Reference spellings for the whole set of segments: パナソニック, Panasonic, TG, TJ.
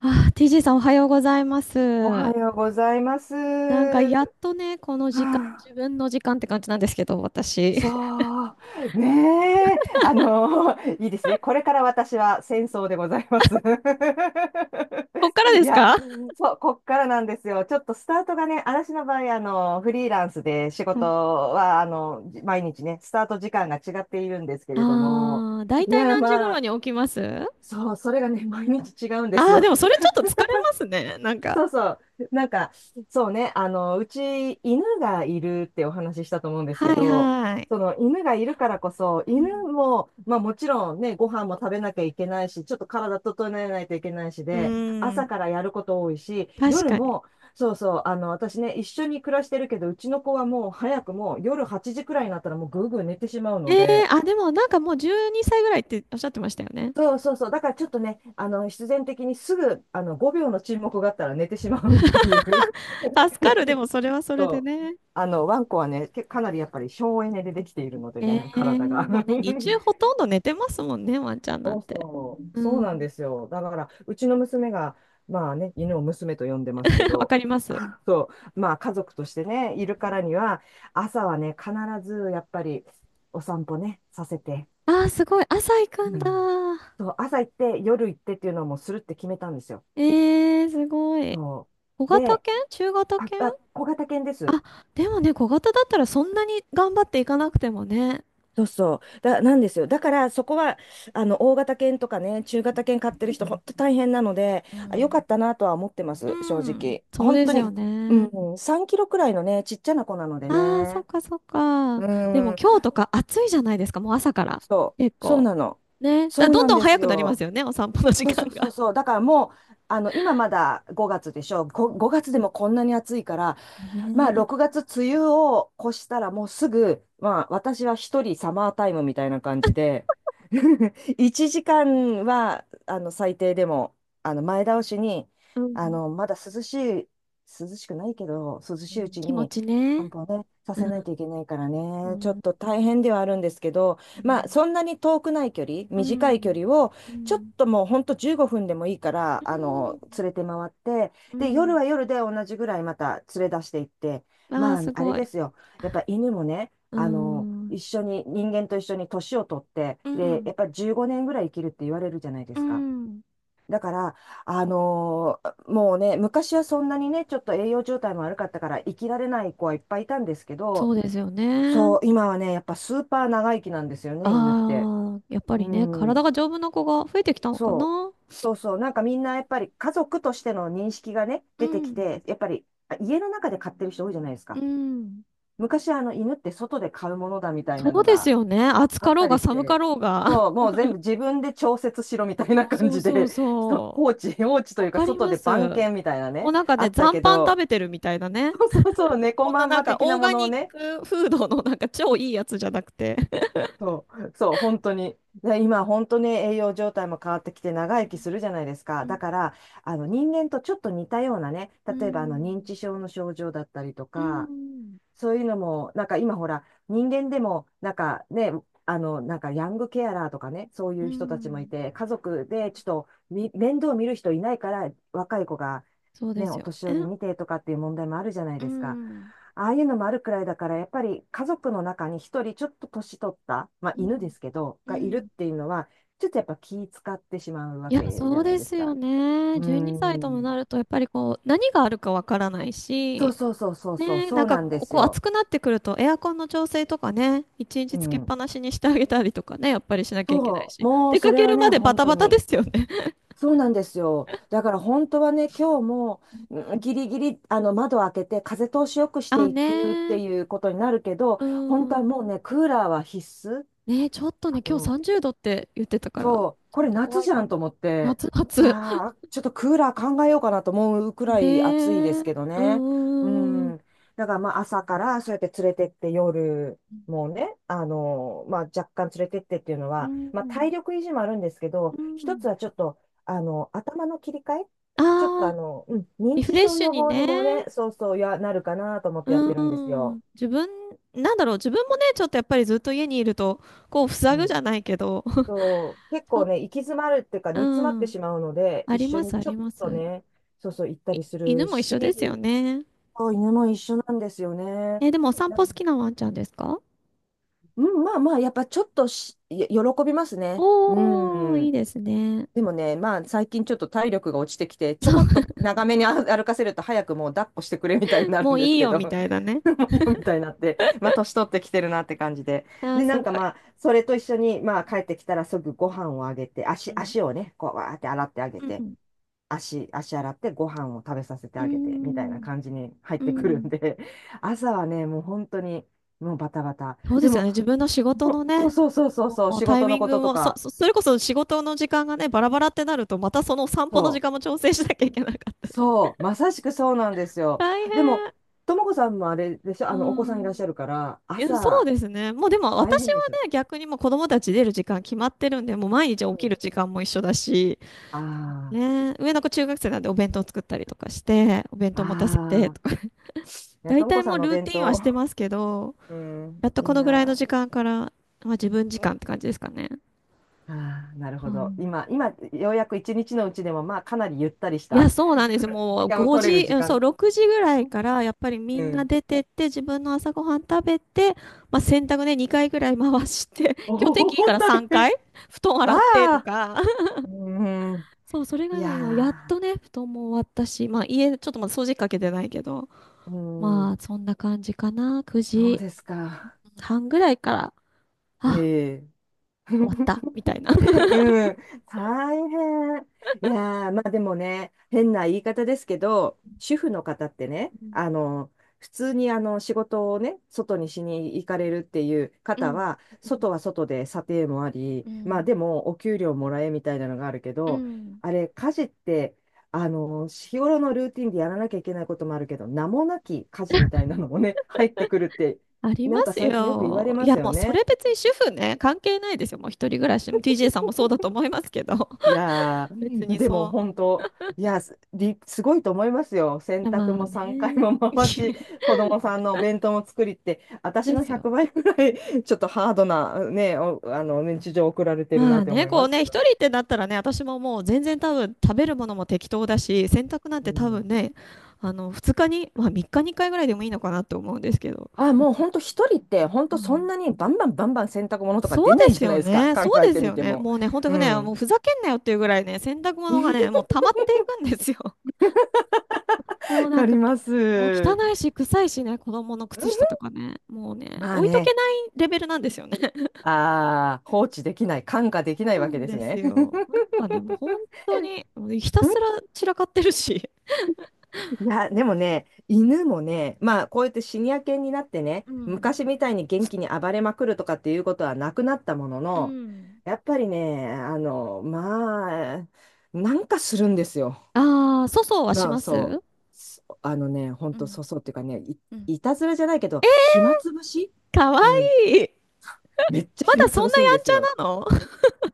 TG さんおはようございまおはす。ようございます。なんかはやっとね、この時間、あ自分の時間って感じなんですけど、私。そう、ねえ、あの、いいですね。これから私は戦争でございます。こっからでいすや、かあそう、こっからなんですよ。ちょっとスタートがね、私の場合、フリーランスで仕事は、毎日ね、スタート時間が違っているんですけれども、だいいたいや、何時ま頃あ、に起きます？そう、それがね、毎日違うんですでよ。もそれちょっと疲れますね、なんか。そうそう。なんか、うち犬がいるってお話ししたと思うんですはけいど、はい。その犬がいるからこそ、う犬ん。も、まあもちろんね、ご飯も食べなきゃいけないし、ちょっと体整えないといけないしうーで、朝ん、からやること多いし、確夜かに。も、そうそう、私ね、一緒に暮らしてるけど、うちの子はもう早くもう夜8時くらいになったらもうぐうぐう寝てしまうえのえ、で、でもなんかもう12歳ぐらいっておっしゃってましたよね。そうそうそう、だからちょっとね、必然的にすぐ、5秒の沈黙があったら寝てしまうっていう。助かる、で もそれはそれでそう。ね。ワンコはね、かなりやっぱり省エネでできているのでえね、え、体が。まあね、日中ほ とんど寝てますもんね、ワンちゃんなそんうて。そう、うそうなんん、ですよ。だから、うちの娘が、まあね、犬を娘と呼んでますけ わど、かります。そう、まあ家族としてね、いるからには、朝はね、必ずやっぱりお散歩ね、させて、あー、すごい。朝行くうんんだ。そう、朝行って、夜行ってっていうのをもうするって決めたんですよ。えー、すごい。そ小う。型犬、中型あ、犬？あ、小型犬です。あ、でもね、小型だったらそんなに頑張っていかなくてもね。なんですよ。だから、そこは、大型犬とかね、中型犬飼ってる人、本当大変なので、うよかん。ったなとは思ってまうす、正ん、直。そう本で当すに、よね。うん、3キロくらいのね、ちっちゃな子なのでああ、そっね。かそっか。うでもん、今日とか暑いじゃないですか、もう朝から。結そう構。なの。ね。だかそらうどんなんどんで早すくなりますよ。よね、お散歩の時そう間そうそうが。そう。だからもう、あの、今まだ5月でしょ。うん。5月でもこんなに暑いから、まあね。6月梅雨を越したらもうすぐ、まあ私は一人サマータイムみたいな感じで、1時間は、最低でも、前倒しに、うあん。の、まだ涼しい、涼しくないけど、涼うしいうん。ち気持にち散ね。歩をね、さうせないん。といけないからうね、ちょっん。と大変ではあるんですけど、うまあん。そんなに遠くない距離、う短ん。うい距ん。離を、うちょっん。ともうほんと15分でもいいから、連れて回って、うで、夜ん。は夜で同じぐらいまた連れ出していって、ああ、まあ、すあれごでい。すよ。やっぱ犬もね、うーあの、ん。一緒に、人間と一緒に年を取って、うで、やん、っぱ15年ぐらい生きるって言われるじゃないでうすか。ん、だから、あのもうね、昔はそんなにね、ちょっと栄養状態も悪かったから生きられない子はいっぱいいたんですけそど、うですよそね。う、今はね、やっぱスーパー長生きなんですよね、犬って。ああ、やっぱうりね、体ん。が丈夫な子が増えてきたのかそう。な。そうそう。なんかみんなやっぱり家族としての認識がね、う出てきん、て、やっぱり家の中で飼ってる人多いじゃないですうか。ん。昔犬って外で飼うものだみたいそなのうですがよね。暑あかっろうたがりし寒かて、ろうが。そう、もう全部自分で調節しろみたいなそう感そうじそうで、そ放置う。とわいうかかり外まです。番犬みたいなもうね、なんかあね、った残け飯食ど、べてるみたいなね。そうそうそう、猫こんまなんなんまか的オなーもガのをニッね、クフードのなんか超いいやつじゃなくて。そう、そう、本当に。で、今、本当に栄養状態も変わってきて長生きするじゃないですうか。ん。だから、人間とちょっと似たようなね、う例えば認ん。知症の症状だったりとうか、ん。そういうのも、なんか今ほら、人間でも、なんかね、あの、なんかヤングケアラーとかね、そうういう人たちもいん。て、家族でちょっと面倒を見る人いないから、若い子がそうでね、すおよ年ね。寄り見てとかっていう問題もあるじゃないうですか。ん。ああいうのもあるくらいだから、やっぱり家族の中に一人ちょっと年取った、まあう犬でん、すけど、うがいるっん。ていうのは、ちょっとやっぱ気使ってしまうわいや、けじそゃうないでですすよか。ね。うー12歳ともなん。ると、やっぱりこう、何があるかわからないそうし、そうそうそうそう、ね、そなんうかなんでこう、すこう暑よ。くなってくると、エアコンの調整とかね、一う日つけっん。ぱなしにしてあげたりとかね、やっぱりしなきゃいけないそう、し、もう出そかれけはるね、までバ本タ当バタでに。すよね。そうなんですよ。だから本当はね、今日もうん。うんギリギリ窓を開けて風通しよくしあ、ていねくってー、いうことになるけど、う本当はん。もうね、クーラーは必須。ね、ちょっとね、あ今日の30度って言ってたから、ちそう、こょっれと夏怖いじゃかんとも。思って、夏、い夏。やーちょっとクーラー考えようかなと思うくらい暑いですねけどえ、ね。う、ううん、ん。だからまあ朝からそうやって連れてって夜、もうね、まあ若干連れてってっていうのうは、まあん、体力維持もあるんですけど、うん。う一つはん、ちょっと、頭の切り替えちょっとあ、あの、うん、認リフ知レッ症シュ予に防にもね、ね。そうそうや、なるかなと思ってやっうてるんですん。よ。自分、自分もね、ちょっとやっぱりずっと家にいると、こう、塞うぐじん。ゃないけど、そう、結 ちょ構っね、と、行き詰まるっていうか、う煮詰まってん。しまうので、あ一り緒ます、にあちょりっます。とね、そうそう、行ったい、りす犬るも一緒ですよし、ね。そう犬も一緒なんですよね。え、でもお散だ歩好きなワンちゃんですか？うん、まあまあ、やっぱちょっと喜びますね。うおー、いいん。ですね。でもね、まあ最近ちょっと体力が落ちてきて、ちょこっと長めに歩かせると早くもう抱っこしてくれみたいになもるんうでいすいけよ、ど、みたいなね。もういいよみたいになって、まあ年取ってきてるなって感じで。あー、で、なすんごかい。まあ、それと一緒に、まあ帰ってきたらすぐご飯をあげて、うん。足をね、こうわーって洗ってあげうて、ん。足洗ってご飯を食べさせてうあげて、みたいなん。感じに入っうてくるんん。で、朝はね、もう本当に、もうバタバタ。そうでですよも、ね。自分の仕事もうのそうね、そうそうそうそう、もう仕タイ事のミンこグととも、か、それこそ仕事の時間がね、バラバラってなると、またその散そ歩の時う間も調整しなきゃいけなかった。そう、まさしくそうなんですよ。大でも、変。ともこさんもあれでしょ、うお子さんいん。らっしゃるから、いや、そう朝、ですね。もうでも大私変はでしょ。ね、逆にもう子供たち出る時間決まってるんで、もう毎日う起きん。る時間も一緒だし、あね、上の子中学生なんでお弁当作ったりとかして、お弁あ、当持たせてああ、とか、いや、大ともこ体さもんうのおルー弁ティンはし当、てますけど、うやっん、といいこのぐらいのな。時間から、まあ自分時間って感じですかね。ああ、なるほど。ようやく一日のうちでも、まあ、かなりゆったりしいや、た そうなんです。も時う間を5取れる時、時うん、そう、間。6時ぐらい から、やっぱりみうんなん。出てって、自分の朝ごはん食べて、まあ、洗濯ね、2回ぐらい回して、お 今日天気いいかお、ら大3変。回、布団 あ洗ってとあ、か、うん。そう、それいがね、今、やっとやね、布団も終わったし、まあ、家、ちょっとまだ掃除機かけてないけど、うまん、あ、そんな感じかな。そう9ですか。時半ぐらいから、あ、ええ 終わった、みたいな。うん、大変。いやー、まあでもね、変な言い方ですけど、主婦の方ってね、うん、普通に仕事をね、外にしに行かれるっていうう方ん、は、う外ん、は外で査定もあり、うまあん。でもお給料もらえみたいなのがあるけうど、ん、あれ、家事って、日頃のルーティンでやらなきゃいけないこともあるけど、名もなき家事みたいなのもね、入ってくるって、ありなまんかす最近よく言わよ。れいまや、すよもうそれね。別に主婦ね、関係ないですよ。もう一人暮らしも TJ さんもそうだと思いますけど、いや 別ー、にでもそう。本当、すごいと思いますよ。い洗や濯まあも3回ね。も回し、子供さんのお弁当も作りって、私でのすよ。100倍ぐらい、ちょっとハードな、ね、おあの、日常を送られてるなまあって思ね、いこまうすね、け一ど人ね。ってなったらね、私ももう全然多分食べるものも適当だし、洗濯なんうて多ん。分ね、あの、2日に、まあ3日に1回ぐらいでもいいのかなって思うんですけど。あ、やっもうぱ、本当一人って、本う当そんん、なにバンバンバンバン洗濯物とかそう出なでいじすゃないよですか。ね。考そうえでてすみよてね。も。もうね、本当うにね、もうん。ふざけんなよっていうぐらいね、洗濯物が ね、もう溜まっていくんですよ。もわうなかんりか、まもう汚す。いし、臭いしね、子供の靴下と かね、もうね、まあ置いとけね、ないレベルなんですよね。ああ、放置できない、看過そできうないなわけんですですね。よ。な んかね、もう本当に、もうひたすら散らかってるし。いや、でもね、犬もね、まあ、こうやってシニア犬になってね、うん。昔みたいに元気に暴れまくるとかっていうことはなくなったものうの、ん。やっぱりね、まあ、なんかするんですよ。ああ、粗相はしな、まそう。す？そほんうと、ん。そうそうっていうかね、い、うん。いたずらじゃないけど、暇つぶしかわうん。いい。めっちゃまだ暇つそんぶなすんやでんすちよ。ゃなの？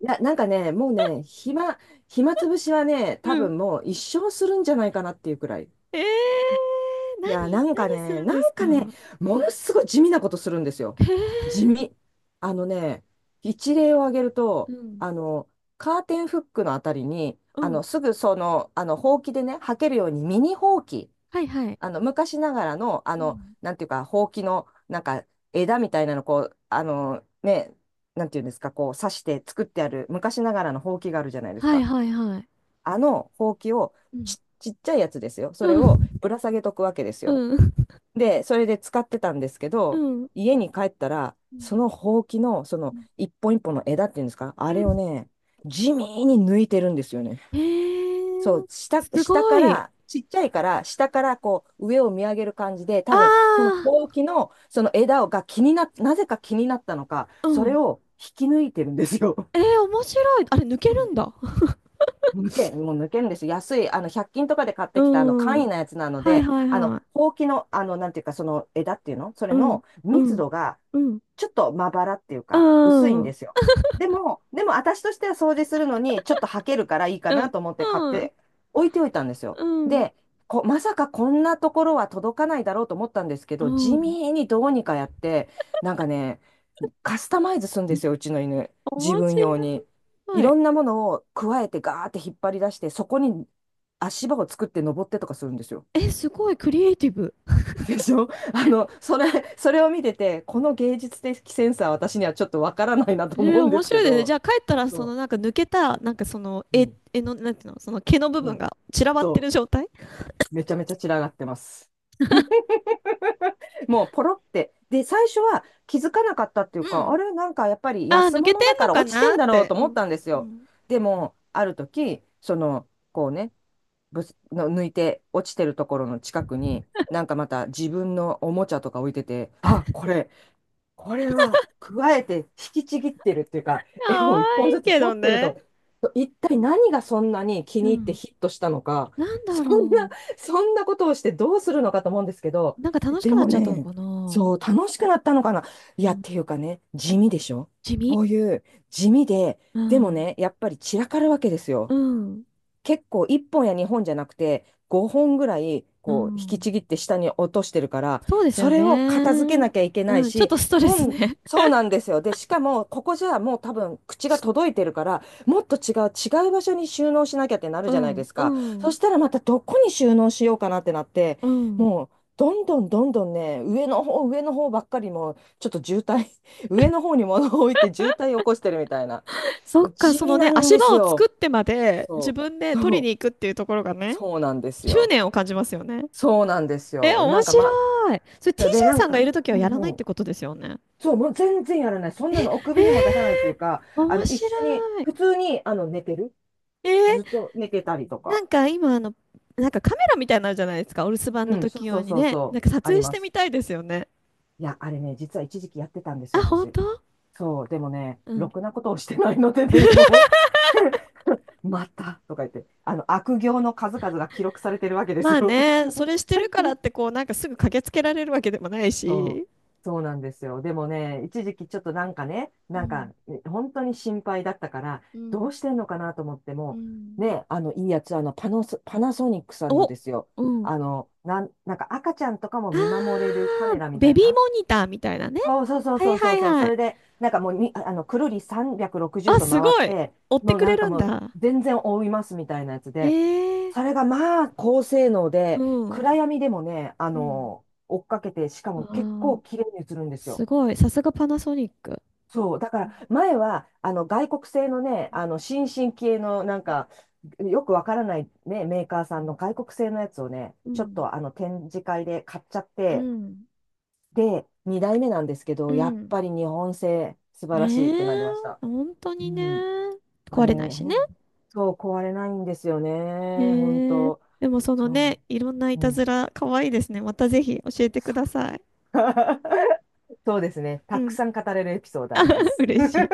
いや、なんかね、もうね、暇、暇つぶしはね、う多ん。分もう一生するんじゃないかなっていうくらい。え、えー、いや、なんか何すね、るんなですんか？かね、ものすごい地味なことするんですよ。へ地え、味。あのね、一例を挙げるうと、ん、カーテンフックのあたりに、うん。すぐその、ほうきでね、履けるようにミニほうき、はいはい。昔ながらの、うん。なんていうか、ほうきの、なんか、枝みたいなの、こう、ね、なんていうんですか、こう、刺して作ってある、昔ながらのほうきがあるじゃないですはいか。はいはい。あのほうきを、うん。ち、ちっちゃいやつですよ。それうをん、ぶら下げとくわけですうよ。ん、で、それで使ってたんですけうど、ん。家に帰ったら、うん。そのほうきの、そうのん。一本一本の枝っていうんですか、うあれをん。ね、地味に抜いてるんですよね。へそう、え、下、す下ごかい。ら、ちっちゃいから、下からこう、上を見上げる感じで、あ多分、そのあ、ほうきの、その枝をが気になっ、なぜか気になったのか、うそれん。を引き抜いてるんですよ。えー、面白い。あれ、抜けるんだ。抜け、もう抜けるんですよ。安い、100均とかで買っ うてきた、簡ん。易なやつなのはいで、はいはい。ほうきの、なんていうか、その枝っていうのそうれん、のう密ん、度が、うん、ちょっとまばらっていううか、薄いん、んうでん、すよ。でも、私としては掃除するのに、ちょっと履けるからいいかうなん、と思って買って置いておいたんですよ。うん、で、こ、まさかこんなところは届かないだろうと思ったんですけうど、地ん。味にどうにかやって、なんかね、カスタマイズするんですよ、うちの犬。自面分白用に。いい。ろんなものを加えてガーって引っ張り出して、そこに足場を作って登ってとかするんですよ。え、すごいクリエイティブ。でしょ それを見てて、うこん。の芸術的センスは私にはちょっとわからないなえと思うー、んで面す白けいですね。じゃど、あ帰ったら、そのそなんか抜けた、なんかそのう、うん、絵の、なんていうの、その毛の部う分ん、が散らばってそる状態？う、めちゃめちゃ散らがってます。もうポロって。で、最初は気づかなかったっていううか、ん。あれ、なんかやっぱりああ、安抜けて物だんかのらか落ちてなんっだろうて。とう思っん。たんですうよ。ん。でも、ある時、その、こうね、ぶつの抜いて落ちてるところの近くに、なんかまた自分のおもちゃとか置いてて、あ、これは、加えて引きちぎってるっていうか、可絵を一本愛いずつけど取ってるとね。思う、一体何がそんなに気うに入ってん。ヒットしたのか、なんだそんな、ろそんなことをしてどうするのかと思うんですけう。ど、なんか楽しでくなっもちゃったのね、かな。そう、楽しくなったのかな。いうや、っん。ていうかね、地味でしょ地味。こういう地味で、うでもん。ね、やっぱり散らかるわけですうよ。ん。結構1本や2本じゃなくて5本ぐらいうこう引きん。ちぎって下に落としてるからそうですそよれね。を片付けなきゃいけないうん。ちょっしとストレス本ね。そうなんですよでしかもここじゃもう多分口が届いてるからもっと違う場所に収納しなきゃってな るうじゃないでん。すうかそん。したらまたどこに収納しようかなってなってうん。もうどんどんね上の方ばっかりもうちょっと渋滞 上の方に物を置いて渋滞を起こしてるみたいなそっもうか、地そ味のね、なん足で場すを作っよてまで自そ分でうそ取りにう行くっていうところがね、そうなんです執よ。念を感じますよね。そうなんですえ、よ。な面んか白まい。それ あ、で、な TJ んさんがいか、るときはやらないっもうてん、ことですよね。そう、もう全然やらない。そんなのおえ首にも出さないというか、ー、面一緒に、白い。普通に、寝てる。えー、ずっと寝てたりとなか。んか今あの、なんかカメラみたいなのあるじゃないですか。お留守番うのん、そ時うそ用うにそうね。なんそう、か撮あり影しまてみす。たいですよね。いや、あれね、実は一時期やってたんですあ、よ、本私。当？そう、でもね、うろん。くなことをしてないのでね、もう また、とか言って、悪行の数々が記録されてるわけですまあよ。ね、それし てるからってこう、なんかすぐ駆けつけられるわけでもないそう、し。そうなんですよ。でもね、一時期ちょっとなんかね、うなんん、か本当に心配だったから、うどん、うしてんのかなと思ってうも、ん。ね、あのいいやつ、あのパノソ、パナソニックさんのお、ですよ。うん。なん、なんか赤ちゃんとかもあ見守れるカメラー、みベたいビーな、モニターみたいなね。そうそうそうはいそうそはういそう。はそい。れで、なんかもうに、あくるり360あ、度すご回っい。て、追ってもうくなれんかるんもうだ。全然覆いますみたいなやつへで、え、それがまあ高性能うで、ん。暗闇でもね、うん、追っかけて、しかあも結ー、構綺麗に映るんですすよ。ごい。さすがパナソニック。そう。だから、前は、外国製のね、新進系の、なんか、よくわからないね、メーカーさんの外国製のやつをね、うちょっん、と展示会で買っちゃっうて、ん。で、2代目なんですけうど、やっん。ぱり日本製素晴らしいねってなりえ、ました。本当うにね、ん。あ壊れ、れないしほね。んそう壊れないんですよえね。本ー、当。でもそのそね、いろんないう。たうずん。ら、可愛いですね。またぜひ教えてください。そうですね。うたくん。さん語れるエピソードありま す。嬉しい。